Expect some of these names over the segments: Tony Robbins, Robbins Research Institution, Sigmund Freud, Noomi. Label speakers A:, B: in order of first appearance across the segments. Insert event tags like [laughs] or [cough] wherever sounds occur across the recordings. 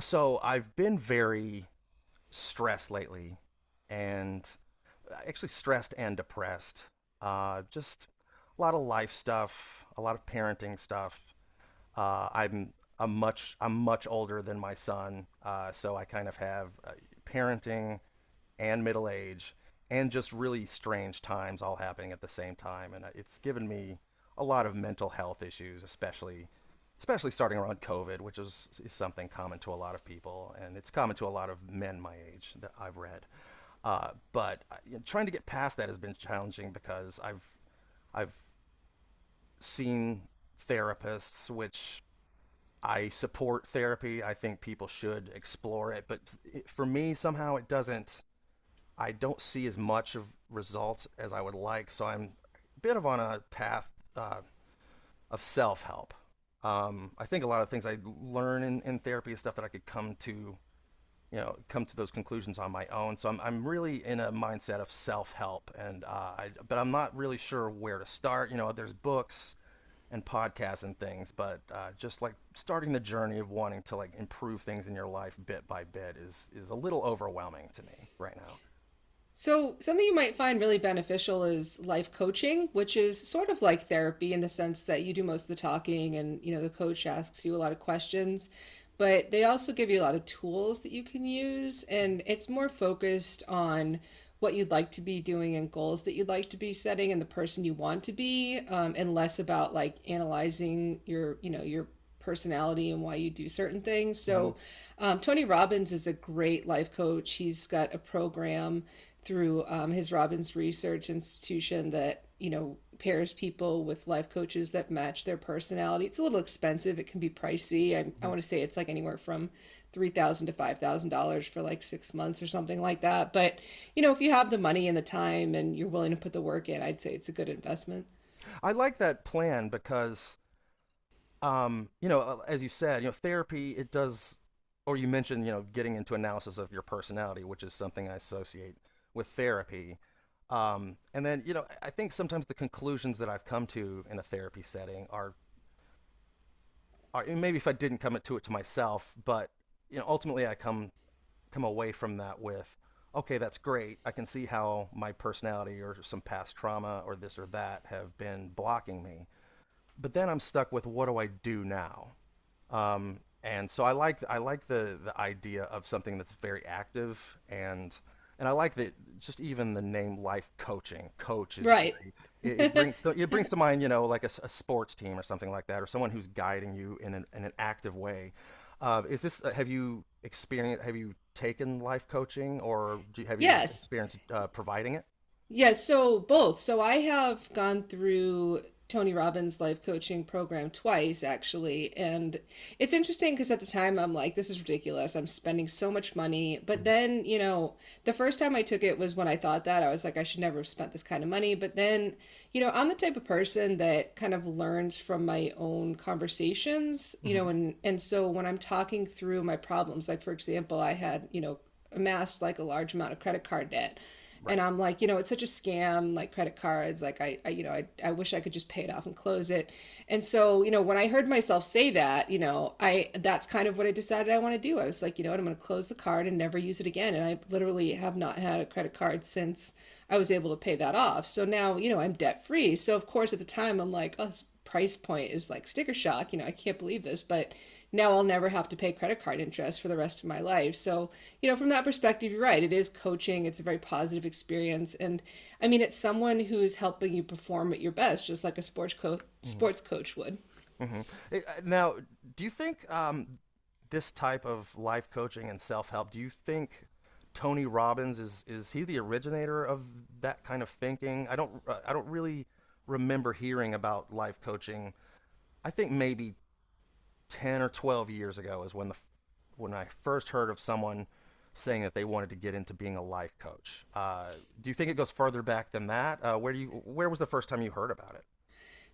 A: So I've been very stressed lately, and actually stressed and depressed. Just a lot of life stuff, a lot of parenting stuff. Uh, I'm I'm much older than my son, so I kind of have parenting and middle age and just really strange times all happening at the same time, and it's given me a lot of mental health issues, especially starting around COVID, which is something common to a lot of people, and it's common to a lot of men my age that I've read. But trying to get past that has been challenging because I've seen therapists, which, I support therapy, I think people should explore it, but for me somehow it doesn't I don't see as much of results as I would like. So I'm a bit of on a path of self help. I think a lot of things I learn in therapy is stuff that I could come to those conclusions on my own. So I'm really in a mindset of self help. But I'm not really sure where to start. You know, there's books and podcasts and things, but just like starting the journey of wanting to like improve things in your life bit by bit is a little overwhelming to me right now.
B: So, something you might find really beneficial is life coaching, which is sort of like therapy in the sense that you do most of the talking and, you know, the coach asks you a lot of questions, but they also give you a lot of tools that you can use, and it's more focused on what you'd like to be doing and goals that you'd like to be setting and the person you want to be, and less about like analyzing your personality and why you do certain things.
A: Mm-hmm.
B: So, Tony Robbins is a great life coach. He's got a program through his Robbins Research Institution that pairs people with life coaches that match their personality. It's a little expensive. It can be pricey. I
A: Mm-hmm.
B: want to say it's like anywhere from $3,000 to $5,000 for like 6 months or something like that. But if you have the money and the time and you're willing to put the work in, I'd say it's a good investment.
A: I like that plan because, as you said, therapy it does, or you mentioned, getting into analysis of your personality, which is something I associate with therapy. And then, I think sometimes the conclusions that I've come to in a therapy setting are maybe if I didn't come to it to myself, but ultimately I come away from that with, okay, that's great. I can see how my personality or some past trauma or this or that have been blocking me, but then I'm stuck with what do I do now? And so I like the idea of something that's very active, and I like that just even the name life coaching coach is
B: Right.
A: very, it brings to mind, like a sports team or something like that, or someone who's guiding you in an active way. Is this have you experienced have you taken life coaching, or have you
B: Yes.
A: experienced providing it?
B: Yes, so both. So I have gone through Tony Robbins' life coaching program twice, actually. And it's interesting because at the time I'm like, this is ridiculous. I'm spending so much money. But then, the first time I took it was when I thought that. I was like, I should never have spent this kind of money. But then, I'm the type of person that kind of learns from my own conversations, and so when I'm talking through my problems, like for example, I had, amassed like a large amount of credit card debt, and I'm like, it's such a scam, like credit cards. Like I wish I could just pay it off and close it. And so, when I heard myself say that, you know, I that's kind of what I decided I want to do. I was like, you know what, I'm going to close the card and never use it again. And I literally have not had a credit card since I was able to pay that off. So now, I'm debt free. So of course, at the time, I'm like, oh, this price point is like sticker shock. I can't believe this, but now I'll never have to pay credit card interest for the rest of my life. So from that perspective, you're right. It is coaching. It's a very positive experience. And I mean, it's someone who's helping you perform at your best, just like a sports coach
A: Right.
B: sports coach would.
A: hmm Now, do you think this type of life coaching and self help? Do you think Tony Robbins is he the originator of that kind of thinking? I don't really remember hearing about life coaching. I think maybe 10 or 12 years ago is when I first heard of someone saying that they wanted to get into being a life coach. Do you think it goes further back than that? Where do you Where was the first time you heard about it?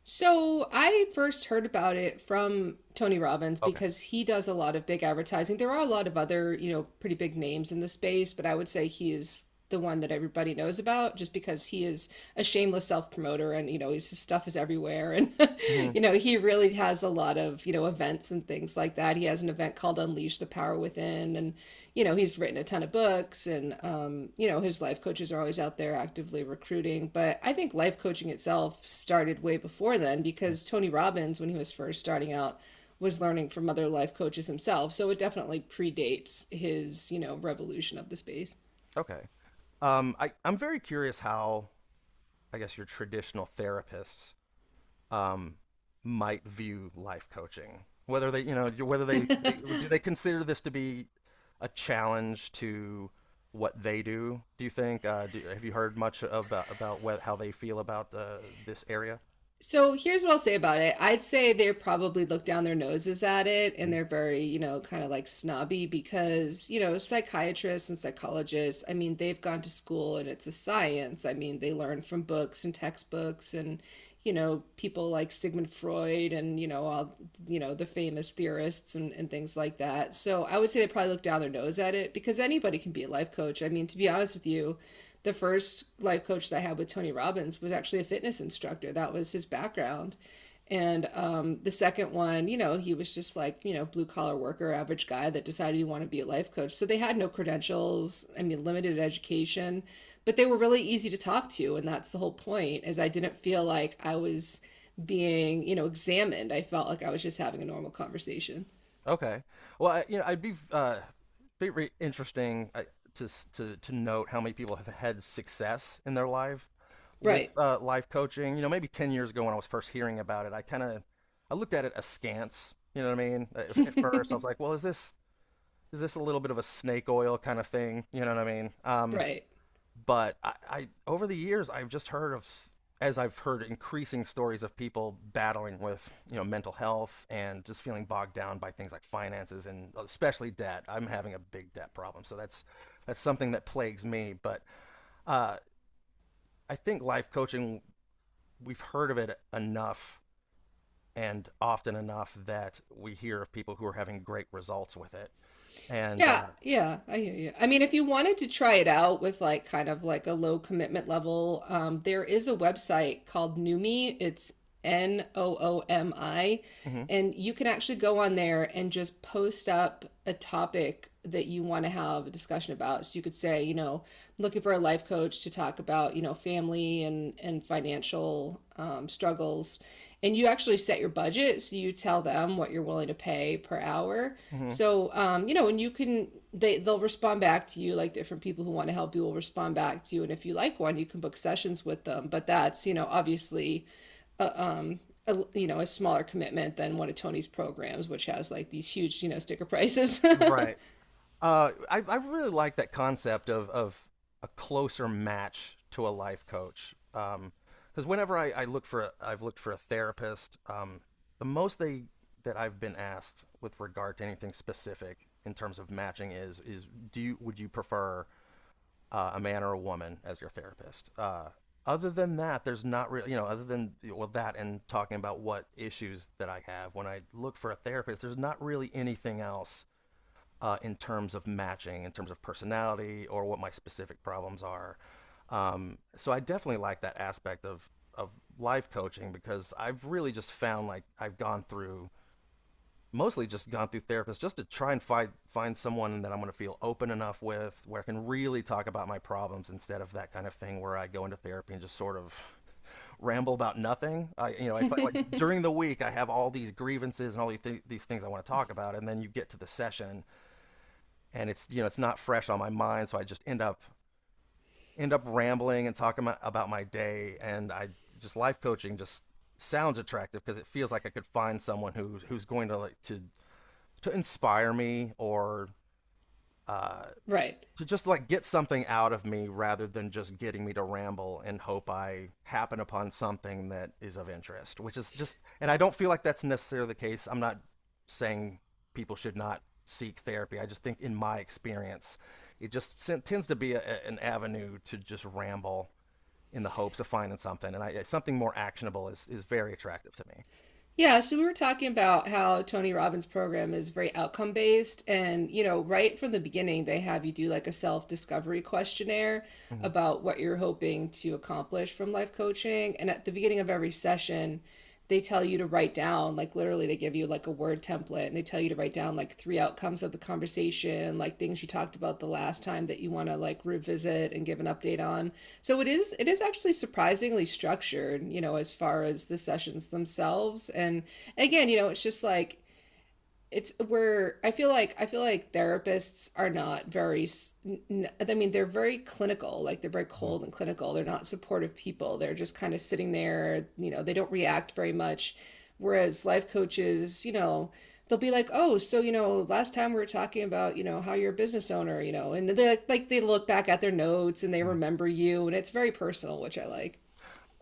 B: So I first heard about it from Tony Robbins
A: Okay.
B: because he does a lot of big advertising. There are a lot of other, pretty big names in the space, but I would say he is the one that everybody knows about just because he is a shameless self-promoter, and his stuff is everywhere. And [laughs]
A: Hmm.
B: he really has a lot of events and things like that. He has an event called Unleash the Power Within. And he's written a ton of books. And his life coaches are always out there actively recruiting. But I think life coaching itself started way before then because Tony Robbins, when he was first starting out, was learning from other life coaches himself. So it definitely predates his revolution of the space.
A: Okay. I'm very curious how I guess your traditional therapists um, might view life coaching. Whether they, you know, whether they
B: [laughs]
A: do they consider this to be a challenge to what they do? Do you think? Have you heard much about how they feel about this area?
B: So here's what I'll say about it. I'd say they probably look down their noses at it, and they're very kind of like snobby, because psychiatrists and psychologists, I mean, they've gone to school and it's a science. I mean, they learn from books and textbooks and people like Sigmund Freud and all the famous theorists and things like that. So I would say they probably look down their nose at it because anybody can be a life coach. I mean, to be honest with you, the first life coach that I had with Tony Robbins was actually a fitness instructor. That was his background. And the second one, he was just like blue collar worker, average guy that decided he wanted to be a life coach. So they had no credentials, I mean, limited education, but they were really easy to talk to. And that's the whole point, is I didn't feel like I was being examined. I felt like I was just having a normal conversation.
A: Okay. Well, I'd be interesting to to note how many people have had success in their life with
B: Right.
A: life coaching. You know, maybe 10 years ago when I was first hearing about it, I kind of I looked at it askance. You know what I mean? At first, I was like,
B: [laughs]
A: well, is this a little bit of a snake oil kind of thing? You know what I mean? Um,
B: Right.
A: but I, I over the years I've just heard of as I've heard increasing stories of people battling with mental health and just feeling bogged down by things like finances and especially debt. I'm having a big debt problem, so that's something that plagues me. But uh, I think life coaching we've heard of it enough and often enough that we hear of people who are having great results with it. And
B: Yeah, yeah, I hear you. I mean, if you wanted to try it out with like kind of like a low commitment level, there is a website called Noomi. It's Noomi,
A: mhm,
B: and you can actually go on there and just post up a topic that you want to have a discussion about. So you could say, I'm looking for a life coach to talk about family and financial struggles, and you actually set your budget, so you tell them what you're willing to pay per hour.
A: mhm.
B: So you know, and you can they they'll respond back to you, like different people who want to help you will respond back to you. And if you like one, you can book sessions with them. But that's obviously a, um, a smaller commitment than one of Tony's programs, which has like these huge sticker prices.
A: Right. I really like that concept of a closer match to a life coach. Because whenever I've looked for a therapist. The most they that I've been asked with regard to anything specific in terms of matching is do you would you prefer a man or a woman as your therapist? Other than that, there's not really other than well that and talking about what issues that I have when I look for a therapist, there's not really anything else in terms of matching, in terms of personality, or what my specific problems are. So I definitely like that aspect of life coaching, because I've really just found like I've gone through mostly just gone through therapists just to try and find someone that I'm going to feel open enough with where I can really talk about my problems, instead of that kind of thing where I go into therapy and just sort of [laughs] ramble about nothing. I you know I find, like, during the
B: [laughs]
A: week I have all these grievances and these things I want to talk about, and then you get to the session and it's you know it's not fresh on my mind, so I just end up rambling and talking about my day, and I just life coaching just sounds attractive because it feels like I could find someone who's going to like to inspire me, or uh,
B: Right.
A: to just like get something out of me, rather than just getting me to ramble and hope I happen upon something that is of interest, which is just, and I don't feel like that's necessarily the case. I'm not saying people should not seek therapy. I just think in my experience, it just tends to be an avenue to just ramble in the hopes of finding something. And something more actionable is very attractive to me.
B: Yeah, so we were talking about how Tony Robbins' program is very outcome based. And right from the beginning, they have you do like a self discovery questionnaire
A: Mm-hmm.
B: about what you're hoping to accomplish from life coaching. And at the beginning of every session, they tell you to write down, like literally, they give you like a word template and they tell you to write down like three outcomes of the conversation, like things you talked about the last time that you want to like revisit and give an update on. So it is actually surprisingly structured, as far as the sessions themselves. And again, it's just like it's where I feel like therapists are not very. I mean, they're very clinical, like they're very
A: Mm-hmm.
B: cold and clinical. They're not supportive people. They're just kind of sitting there. They don't react very much, whereas life coaches, they'll be like, oh, so last time we were talking about how you're a business owner, and they like, they look back at their notes and they
A: Mm-hmm.
B: remember you, and it's very personal, which I like.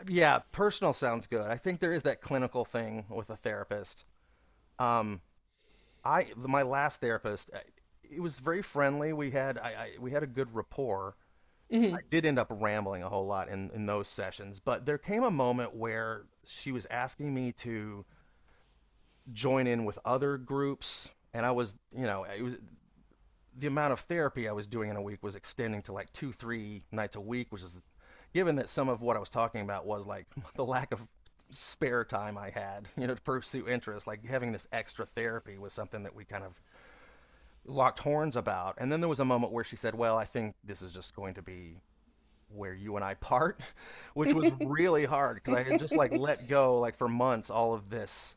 A: Yeah, personal sounds good. I think there is that clinical thing with a therapist. Um, I My last therapist, it was very friendly. We had a good rapport. I
B: Hmm.
A: did end up rambling a whole lot in those sessions, but there came a moment where she was asking me to join in with other groups, and I was you know it was, the amount of therapy I was doing in a week was extending to like two three nights a week, which is, given that some of what I was talking about was like [laughs] the lack of spare time I had, to pursue interests, like having this extra therapy was something that we kind of locked horns about. And then there was a moment where she said, well, I think this is just going to be where you and I part, [laughs] which was really hard because I had just like let go, like for months, all of this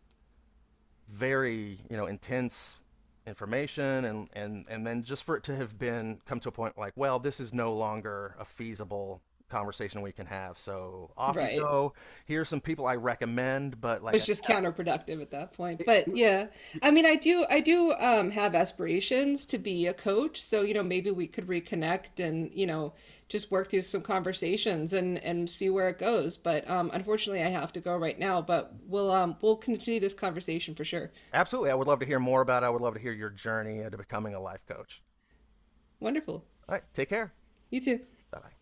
A: very, intense information, and then just for it to have been come to a point like, well, this is no longer a feasible conversation we can have, so off you
B: Right.
A: go, here's some people I recommend, but like,
B: Was just counterproductive at that point. But yeah, I mean, I do have aspirations to be a coach. So, maybe we could reconnect and, just work through some conversations and see where it goes. But unfortunately, I have to go right now. But we'll continue this conversation for sure.
A: absolutely, I would love to hear more about it. I would love to hear your journey into becoming a life coach.
B: Wonderful.
A: All right, take care.
B: You too.
A: Bye bye.